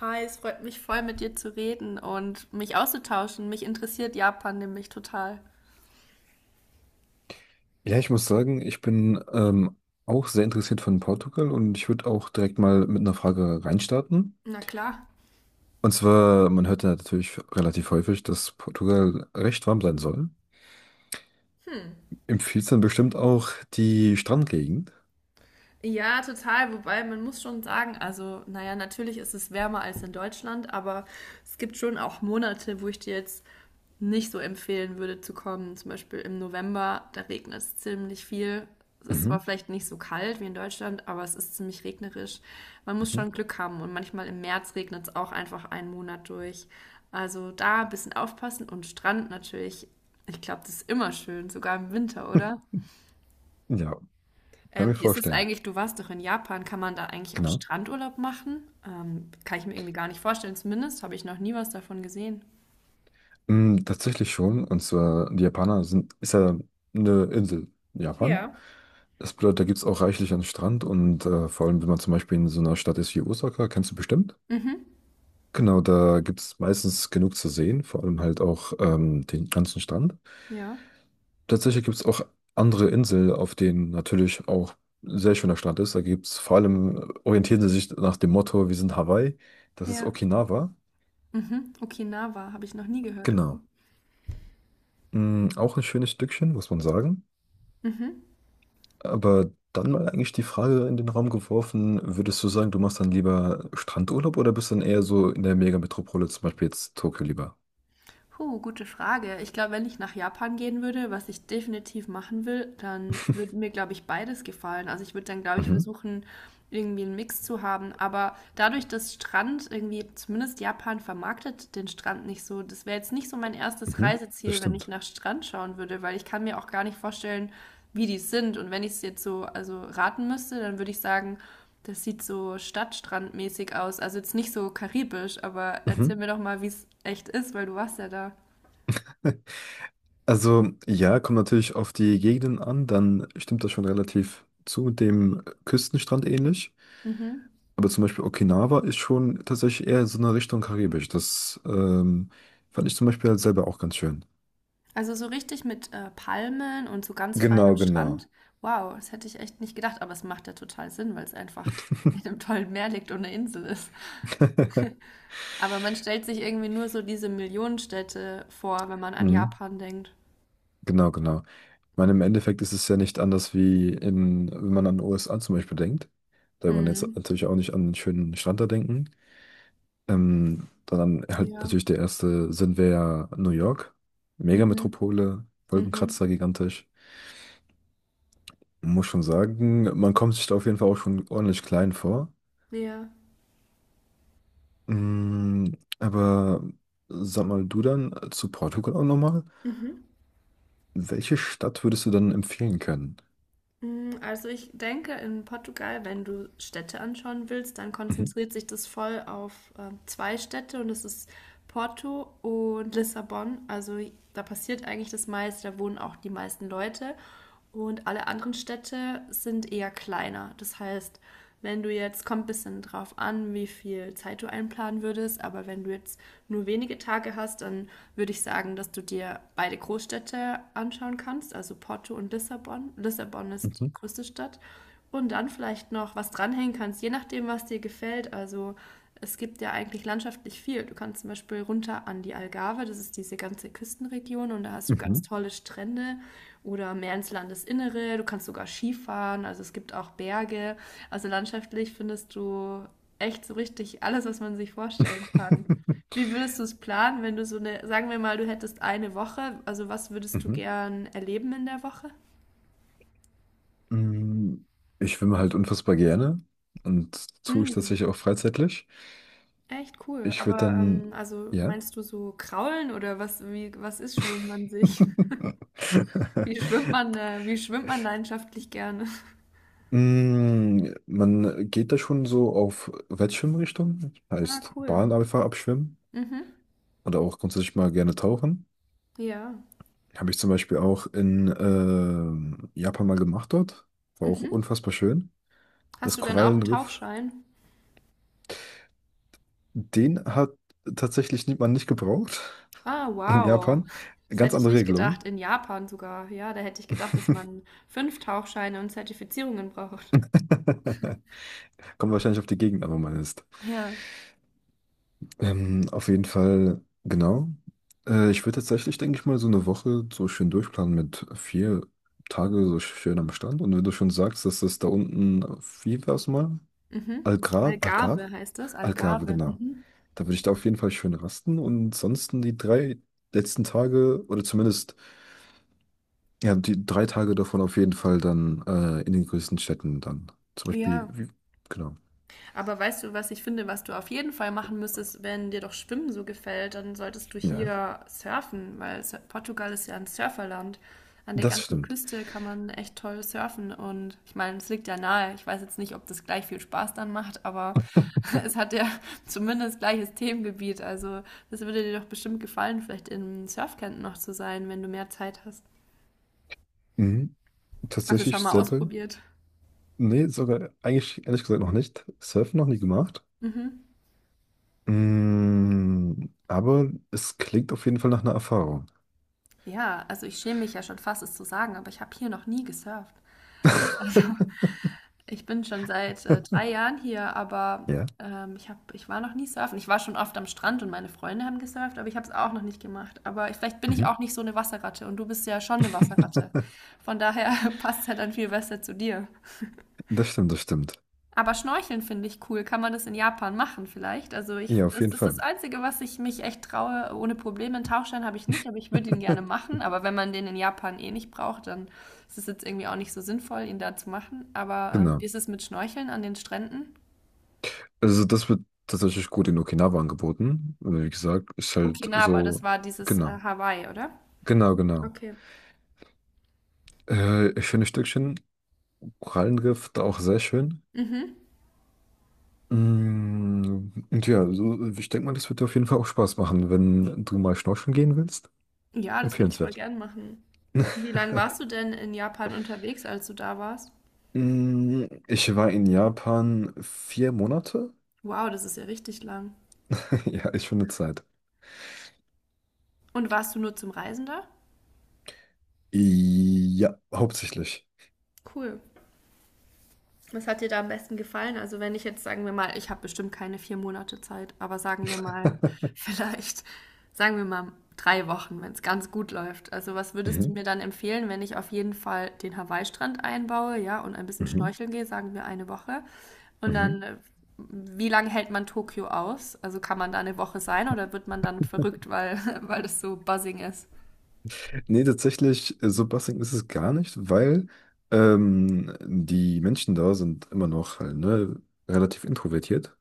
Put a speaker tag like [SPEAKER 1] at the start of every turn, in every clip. [SPEAKER 1] Hi, es freut mich voll, mit dir zu reden und mich auszutauschen. Mich interessiert Japan nämlich total.
[SPEAKER 2] Ja, ich muss sagen, ich bin auch sehr interessiert von Portugal und ich würde auch direkt mal mit einer Frage reinstarten.
[SPEAKER 1] Na klar.
[SPEAKER 2] Und zwar, man hört ja natürlich relativ häufig, dass Portugal recht warm sein soll.
[SPEAKER 1] Hm.
[SPEAKER 2] Empfiehlt dann bestimmt auch die Strandgegend.
[SPEAKER 1] Ja, total. Wobei man muss schon sagen, also, naja, natürlich ist es wärmer als in Deutschland, aber es gibt schon auch Monate, wo ich dir jetzt nicht so empfehlen würde zu kommen. Zum Beispiel im November, da regnet es ziemlich viel. Es ist zwar
[SPEAKER 2] Mhm,
[SPEAKER 1] vielleicht nicht so kalt wie in Deutschland, aber es ist ziemlich regnerisch. Man muss
[SPEAKER 2] mhm.
[SPEAKER 1] schon Glück haben und manchmal im März regnet es auch einfach einen Monat durch. Also da ein bisschen aufpassen und Strand natürlich. Ich glaube, das ist immer schön, sogar im Winter, oder?
[SPEAKER 2] Ja, kann mir
[SPEAKER 1] Wie ist es
[SPEAKER 2] vorstellen.
[SPEAKER 1] eigentlich? Du warst doch in Japan. Kann man da eigentlich auch
[SPEAKER 2] Genau.
[SPEAKER 1] Strandurlaub machen? Kann ich mir irgendwie gar nicht vorstellen. Zumindest habe ich noch nie was davon gesehen.
[SPEAKER 2] Tatsächlich schon. Und zwar, die Japaner sind, ist ja eine Insel in Japan.
[SPEAKER 1] Ja.
[SPEAKER 2] Das bedeutet, da gibt es auch reichlich an Strand und vor allem, wenn man zum Beispiel in so einer Stadt ist wie Osaka, kennst du bestimmt.
[SPEAKER 1] Mhm.
[SPEAKER 2] Genau, da gibt es meistens genug zu sehen, vor allem halt auch den ganzen Strand.
[SPEAKER 1] Ja.
[SPEAKER 2] Tatsächlich gibt es auch andere Inseln, auf denen natürlich auch sehr schöner Strand ist. Da gibt es vor allem, orientieren sie sich nach dem Motto, wir sind Hawaii, das ist
[SPEAKER 1] Ja.
[SPEAKER 2] Okinawa.
[SPEAKER 1] Mhm. Okinawa habe ich noch nie gehört. Okay.
[SPEAKER 2] Genau. Auch ein schönes Stückchen, muss man sagen.
[SPEAKER 1] Mhm.
[SPEAKER 2] Aber dann mal eigentlich die Frage in den Raum geworfen, würdest du sagen, du machst dann lieber Strandurlaub oder bist dann eher so in der Megametropole, zum Beispiel jetzt Tokio lieber?
[SPEAKER 1] Puh, gute Frage. Ich glaube, wenn ich nach Japan gehen würde, was ich definitiv machen will, dann würde mir, glaube ich, beides gefallen. Also ich würde dann, glaube ich,
[SPEAKER 2] Mhm,
[SPEAKER 1] versuchen, irgendwie einen Mix zu haben. Aber dadurch, dass Strand irgendwie, zumindest Japan vermarktet den Strand nicht so, das wäre jetzt nicht so mein erstes
[SPEAKER 2] mhm, das
[SPEAKER 1] Reiseziel, wenn ich
[SPEAKER 2] stimmt.
[SPEAKER 1] nach Strand schauen würde, weil ich kann mir auch gar nicht vorstellen, wie die sind. Und wenn ich es jetzt so, also raten müsste, dann würde ich sagen, das sieht so stadtstrandmäßig aus. Also jetzt nicht so karibisch, aber
[SPEAKER 2] Mhm.
[SPEAKER 1] erzähl mir doch mal, wie es echt ist, weil du warst ja da.
[SPEAKER 2] Also ja, kommt natürlich auf die Gegenden an, dann stimmt das schon relativ zu dem Küstenstrand ähnlich.
[SPEAKER 1] Mhm.
[SPEAKER 2] Aber zum Beispiel Okinawa ist schon tatsächlich eher in so einer Richtung Karibisch. Das fand ich zum Beispiel halt selber auch ganz schön.
[SPEAKER 1] Also so richtig mit Palmen und so ganz feinem
[SPEAKER 2] Genau, genau.
[SPEAKER 1] Strand. Wow, das hätte ich echt nicht gedacht, aber es macht ja total Sinn, weil es einfach in einem tollen Meer liegt und eine Insel ist. Aber man stellt sich irgendwie nur so diese Millionenstädte vor, wenn man an
[SPEAKER 2] Mhm.
[SPEAKER 1] Japan denkt.
[SPEAKER 2] Genau, genau. Ich meine, im Endeffekt ist es ja nicht anders wie in, wenn man an den USA zum Beispiel denkt. Da will man jetzt
[SPEAKER 1] Mhm.
[SPEAKER 2] natürlich auch nicht an einen schönen Strand da denken. Dann halt
[SPEAKER 1] Ja.
[SPEAKER 2] natürlich der erste Sinn wäre ja New York.
[SPEAKER 1] Mhm.
[SPEAKER 2] Megametropole,
[SPEAKER 1] Mhm.
[SPEAKER 2] Wolkenkratzer gigantisch. Muss schon sagen, man kommt sich da auf jeden Fall auch schon ordentlich klein vor.
[SPEAKER 1] Ja.
[SPEAKER 2] Mm, aber sag mal du dann zu Portugal auch nochmal.
[SPEAKER 1] Mhm.
[SPEAKER 2] Welche Stadt würdest du dann empfehlen können?
[SPEAKER 1] Mm, also ich denke, in Portugal, wenn du Städte anschauen willst, dann
[SPEAKER 2] Mhm,
[SPEAKER 1] konzentriert sich das voll auf zwei Städte und das ist Porto und Lissabon. Also da passiert eigentlich das meiste, da wohnen auch die meisten Leute und alle anderen Städte sind eher kleiner. Das heißt, wenn du jetzt, kommt ein bisschen drauf an, wie viel Zeit du einplanen würdest, aber wenn du jetzt nur wenige Tage hast, dann würde ich sagen, dass du dir beide Großstädte anschauen kannst, also Porto und Lissabon. Lissabon ist die
[SPEAKER 2] mhm,
[SPEAKER 1] größte Stadt. Und dann vielleicht noch was dranhängen kannst, je nachdem, was dir gefällt. Also es gibt ja eigentlich landschaftlich viel. Du kannst zum Beispiel runter an die Algarve, das ist diese ganze Küstenregion und da hast du ganz
[SPEAKER 2] mhm.
[SPEAKER 1] tolle Strände oder mehr ins Landesinnere. Du kannst sogar Skifahren, also es gibt auch Berge. Also landschaftlich findest du echt so richtig alles, was man sich vorstellen kann. Wie würdest du es planen, wenn du so eine, sagen wir mal, du hättest eine Woche, also was würdest du
[SPEAKER 2] Mhm.
[SPEAKER 1] gern erleben in der Woche?
[SPEAKER 2] Mm, ich schwimme halt unfassbar gerne und tue ich
[SPEAKER 1] Hm,
[SPEAKER 2] tatsächlich auch freizeitlich.
[SPEAKER 1] echt cool.
[SPEAKER 2] Ich würde
[SPEAKER 1] Aber
[SPEAKER 2] dann,
[SPEAKER 1] also
[SPEAKER 2] ja?
[SPEAKER 1] meinst du so kraulen oder was, wie, was ist, schwimmt man sich? Wie schwimmt man leidenschaftlich gerne?
[SPEAKER 2] Man geht da schon so auf Wettschwimmrichtung,
[SPEAKER 1] Ah,
[SPEAKER 2] heißt
[SPEAKER 1] cool.
[SPEAKER 2] Bahn einfach abschwimmen
[SPEAKER 1] Mhm.
[SPEAKER 2] oder auch grundsätzlich mal gerne tauchen.
[SPEAKER 1] Ja.
[SPEAKER 2] Habe ich zum Beispiel auch in Japan mal gemacht dort. War auch
[SPEAKER 1] Mhm.
[SPEAKER 2] unfassbar schön. Das
[SPEAKER 1] Hast du dann auch einen
[SPEAKER 2] Korallenriff,
[SPEAKER 1] Tauchschein?
[SPEAKER 2] den hat tatsächlich nie- man nicht gebraucht
[SPEAKER 1] Ah,
[SPEAKER 2] in
[SPEAKER 1] wow.
[SPEAKER 2] Japan.
[SPEAKER 1] Das
[SPEAKER 2] Ganz
[SPEAKER 1] hätte ich
[SPEAKER 2] andere
[SPEAKER 1] nicht gedacht,
[SPEAKER 2] Regelungen.
[SPEAKER 1] in Japan sogar. Ja, da hätte ich gedacht, dass man fünf Tauchscheine und Zertifizierungen braucht.
[SPEAKER 2] Kommt wahrscheinlich auf die Gegend an, wo man ist.
[SPEAKER 1] Ja.
[SPEAKER 2] Auf jeden Fall, genau. Ich würde tatsächlich, denke ich mal, so eine Woche so schön durchplanen mit 4 Tage so schön am Strand. Und wenn du schon sagst, dass das da unten, wie war es mal?
[SPEAKER 1] Mhm.
[SPEAKER 2] Algarve? Algarve?
[SPEAKER 1] Algarve heißt das,
[SPEAKER 2] Algarve,
[SPEAKER 1] Algarve.
[SPEAKER 2] genau.
[SPEAKER 1] Mhm.
[SPEAKER 2] Da würde ich da auf jeden Fall schön rasten und sonst die 3 letzten Tage oder zumindest, ja, die 3 Tage davon auf jeden Fall dann in den größten Städten dann. Zum Beispiel,
[SPEAKER 1] Ja.
[SPEAKER 2] wie- genau.
[SPEAKER 1] Aber weißt du, was ich finde, was du auf jeden Fall machen müsstest, wenn dir doch Schwimmen so gefällt, dann solltest du
[SPEAKER 2] Ja,
[SPEAKER 1] hier surfen, weil Portugal ist ja ein Surferland. An der
[SPEAKER 2] das
[SPEAKER 1] ganzen
[SPEAKER 2] stimmt.
[SPEAKER 1] Küste kann man echt toll surfen und ich meine, es liegt ja nahe. Ich weiß jetzt nicht, ob das gleich viel Spaß dann macht, aber es hat ja zumindest gleiches Themengebiet. Also das würde dir doch bestimmt gefallen, vielleicht im Surfcamp noch zu sein, wenn du mehr Zeit hast.
[SPEAKER 2] Mhm.
[SPEAKER 1] Hast du schon
[SPEAKER 2] Tatsächlich
[SPEAKER 1] mal
[SPEAKER 2] selber.
[SPEAKER 1] ausprobiert?
[SPEAKER 2] Nee, sogar eigentlich ehrlich gesagt noch nicht. Surfen noch nie gemacht.
[SPEAKER 1] Mhm.
[SPEAKER 2] Aber es klingt auf jeden Fall nach einer Erfahrung.
[SPEAKER 1] Ja, also ich schäme mich ja schon fast, es zu sagen, aber ich habe hier noch nie gesurft. Ich bin schon seit 3 Jahren hier, aber
[SPEAKER 2] Ja.
[SPEAKER 1] ich war noch nie surfen. Ich war schon oft am Strand und meine Freunde haben gesurft, aber ich habe es auch noch nicht gemacht. Aber ich, vielleicht bin ich
[SPEAKER 2] Mhm.
[SPEAKER 1] auch nicht so eine Wasserratte und du bist ja schon eine Wasserratte. Von daher passt es halt dann viel besser zu dir.
[SPEAKER 2] Das stimmt, das stimmt.
[SPEAKER 1] Aber Schnorcheln finde ich cool. Kann man das in Japan machen vielleicht? Also ich,
[SPEAKER 2] Ja, auf
[SPEAKER 1] das
[SPEAKER 2] jeden
[SPEAKER 1] ist das
[SPEAKER 2] Fall.
[SPEAKER 1] Einzige, was ich mich echt traue. Ohne Probleme. Einen Tauchschein habe ich nicht, aber ich würde ihn gerne machen. Aber wenn man den in Japan eh nicht braucht, dann ist es jetzt irgendwie auch nicht so sinnvoll, ihn da zu machen. Aber wie
[SPEAKER 2] Genau.
[SPEAKER 1] ist es mit Schnorcheln an den Stränden?
[SPEAKER 2] Also das wird tatsächlich gut in Okinawa angeboten. Also, wie gesagt, ist halt
[SPEAKER 1] Okinawa, das
[SPEAKER 2] so,
[SPEAKER 1] war dieses
[SPEAKER 2] genau,
[SPEAKER 1] Hawaii, oder?
[SPEAKER 2] genau, genau.
[SPEAKER 1] Okay.
[SPEAKER 2] Schöne Stückchen. Korallenriff da auch sehr schön.
[SPEAKER 1] Mhm.
[SPEAKER 2] Und ja, so, ich denke mal, das wird dir auf jeden Fall auch Spaß machen, wenn du mal schnorcheln gehen willst.
[SPEAKER 1] Ja, das würde ich voll
[SPEAKER 2] Empfehlenswert.
[SPEAKER 1] gern machen. Wie lange warst du denn in Japan unterwegs, als du da warst?
[SPEAKER 2] Ich war in Japan 4 Monate.
[SPEAKER 1] Wow, das ist ja richtig lang.
[SPEAKER 2] Ja, ist schon eine Zeit.
[SPEAKER 1] Und warst du nur zum Reisen da?
[SPEAKER 2] Ja, hauptsächlich.
[SPEAKER 1] Cool. Was hat dir da am besten gefallen? Also wenn ich jetzt, sagen wir mal, ich habe bestimmt keine 4 Monate Zeit, aber sagen wir mal, vielleicht, sagen wir mal 3 Wochen, wenn es ganz gut läuft. Also was würdest du
[SPEAKER 2] Mhm.
[SPEAKER 1] mir dann empfehlen, wenn ich auf jeden Fall den Hawaii-Strand einbaue, ja, und ein bisschen
[SPEAKER 2] Mhm.
[SPEAKER 1] schnorcheln gehe, sagen wir eine Woche. Und
[SPEAKER 2] Mhm.
[SPEAKER 1] dann, wie lange hält man Tokio aus? Also kann man da eine Woche sein oder wird man dann verrückt, weil, weil das so buzzing ist?
[SPEAKER 2] Nee, tatsächlich, so bassig ist es gar nicht, weil die Menschen da sind immer noch halt, ne, relativ introvertiert.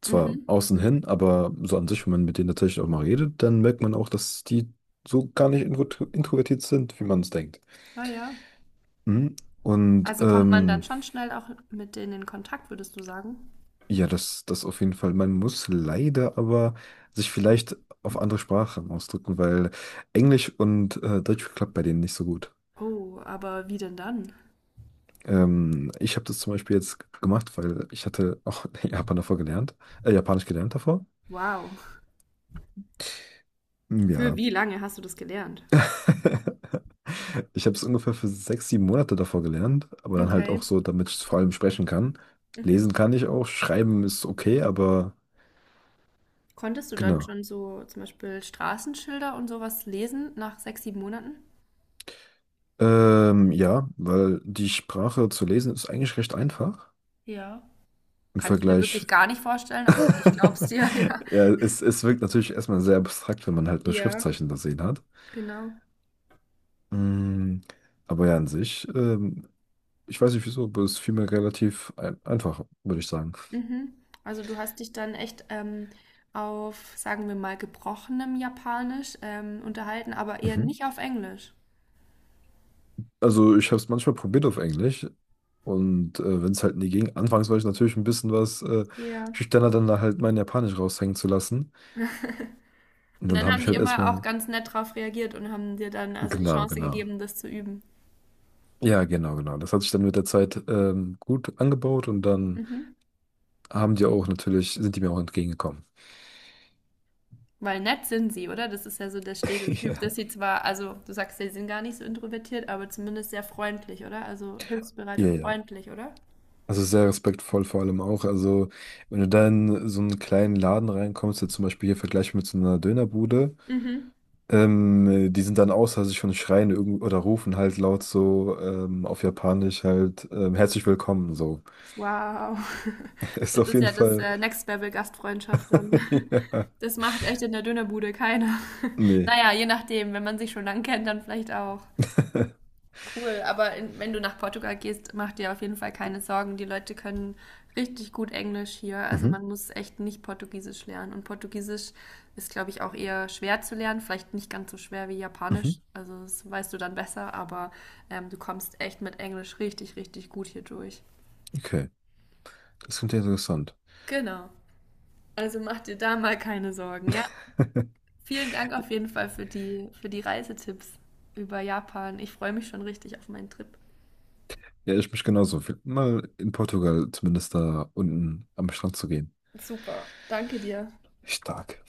[SPEAKER 2] Zwar
[SPEAKER 1] Mhm.
[SPEAKER 2] außen hin, aber so an sich, wenn man mit denen tatsächlich auch mal redet, dann merkt man auch, dass die so gar nicht introvertiert sind, wie man es denkt.
[SPEAKER 1] Ah ja.
[SPEAKER 2] Mhm. Und
[SPEAKER 1] Also kommt man dann schon schnell auch mit denen in Kontakt, würdest du sagen?
[SPEAKER 2] ja, das auf jeden Fall. Man muss leider aber sich vielleicht auf andere Sprachen ausdrücken, weil Englisch und Deutsch klappt bei denen nicht so gut.
[SPEAKER 1] Oh, aber wie denn dann?
[SPEAKER 2] Ich habe das zum Beispiel jetzt gemacht, weil ich hatte auch Japanisch gelernt davor.
[SPEAKER 1] Wow. Für
[SPEAKER 2] Ja.
[SPEAKER 1] wie lange hast du das gelernt?
[SPEAKER 2] Ich habe es ungefähr für 6, 7 Monate davor gelernt, aber dann halt
[SPEAKER 1] Okay.
[SPEAKER 2] auch so, damit ich vor allem sprechen kann.
[SPEAKER 1] Mhm.
[SPEAKER 2] Lesen kann ich auch, schreiben ist okay, aber
[SPEAKER 1] Konntest du dann
[SPEAKER 2] genau.
[SPEAKER 1] schon so zum Beispiel Straßenschilder und sowas lesen nach sechs, sieben Monaten?
[SPEAKER 2] Ja, weil die Sprache zu lesen ist eigentlich recht einfach
[SPEAKER 1] Ja.
[SPEAKER 2] im
[SPEAKER 1] Kann ich mir wirklich
[SPEAKER 2] Vergleich.
[SPEAKER 1] gar nicht vorstellen, aber ich glaub's dir, ja.
[SPEAKER 2] Ja, es wirkt natürlich erstmal sehr abstrakt, wenn man halt nur
[SPEAKER 1] Ja,
[SPEAKER 2] Schriftzeichen da sehen hat.
[SPEAKER 1] genau.
[SPEAKER 2] Mm, Aber ja, an sich, ich weiß nicht wieso, aber es fiel mir relativ einfach, würde ich sagen.
[SPEAKER 1] Mhm. Also du hast dich dann echt auf, sagen wir mal, gebrochenem Japanisch unterhalten, aber eher
[SPEAKER 2] Mhm.
[SPEAKER 1] nicht auf Englisch.
[SPEAKER 2] Also ich habe es manchmal probiert auf Englisch und wenn es halt nie ging, anfangs war ich natürlich ein bisschen was
[SPEAKER 1] Ja.
[SPEAKER 2] schüchterner, dann da halt mein Japanisch raushängen zu lassen. Und
[SPEAKER 1] Und
[SPEAKER 2] dann
[SPEAKER 1] dann
[SPEAKER 2] habe
[SPEAKER 1] haben
[SPEAKER 2] ich
[SPEAKER 1] die
[SPEAKER 2] halt
[SPEAKER 1] immer auch
[SPEAKER 2] erstmal,
[SPEAKER 1] ganz nett drauf reagiert und haben dir dann also die
[SPEAKER 2] genau,
[SPEAKER 1] Chance
[SPEAKER 2] genau.
[SPEAKER 1] gegeben, das zu üben.
[SPEAKER 2] Ja, genau, genau. Das hat sich dann mit der Zeit gut angebaut und dann
[SPEAKER 1] Mhm.
[SPEAKER 2] haben die auch natürlich, sind die mir auch entgegengekommen.
[SPEAKER 1] Weil nett sind sie, oder? Das ist ja so der Stereotyp, dass sie zwar, also du sagst, ja, sie sind gar nicht so introvertiert, aber zumindest sehr freundlich, oder? Also hilfsbereit
[SPEAKER 2] Ja,
[SPEAKER 1] und
[SPEAKER 2] ja, ja.
[SPEAKER 1] freundlich, oder?
[SPEAKER 2] Also sehr respektvoll vor allem auch. Also wenn du da in so einen kleinen Laden reinkommst, jetzt zum Beispiel hier vergleichbar mit so einer Dönerbude,
[SPEAKER 1] Mhm.
[SPEAKER 2] die sind dann außer sich und schreien irgend oder rufen halt laut so auf Japanisch halt herzlich willkommen so.
[SPEAKER 1] Wow.
[SPEAKER 2] Ist
[SPEAKER 1] Das
[SPEAKER 2] auf
[SPEAKER 1] ist
[SPEAKER 2] jeden
[SPEAKER 1] ja das
[SPEAKER 2] Fall.
[SPEAKER 1] Next Level Gastfreundschaft dann.
[SPEAKER 2] Ja.
[SPEAKER 1] Das macht echt in der Dönerbude keiner.
[SPEAKER 2] Nee.
[SPEAKER 1] Naja, je nachdem, wenn man sich schon lang kennt, dann vielleicht auch. Cool, aber in, wenn du nach Portugal gehst, mach dir auf jeden Fall keine Sorgen. Die Leute können richtig gut Englisch hier. Also
[SPEAKER 2] Mhm.
[SPEAKER 1] man muss echt nicht Portugiesisch lernen. Und Portugiesisch ist, glaube ich, auch eher schwer zu lernen. Vielleicht nicht ganz so schwer wie
[SPEAKER 2] Mhm.
[SPEAKER 1] Japanisch. Also das weißt du dann besser, aber du kommst echt mit Englisch richtig, richtig gut hier durch.
[SPEAKER 2] Okay. Das klingt ja interessant.
[SPEAKER 1] Genau. Also mach dir da mal keine Sorgen, ja? Vielen Dank auf jeden Fall für die Reisetipps über Japan. Ich freue mich schon richtig auf meinen Trip.
[SPEAKER 2] Ja, ich mich genauso. Mal in Portugal zumindest da unten am Strand zu gehen.
[SPEAKER 1] Super. Danke dir.
[SPEAKER 2] Stark.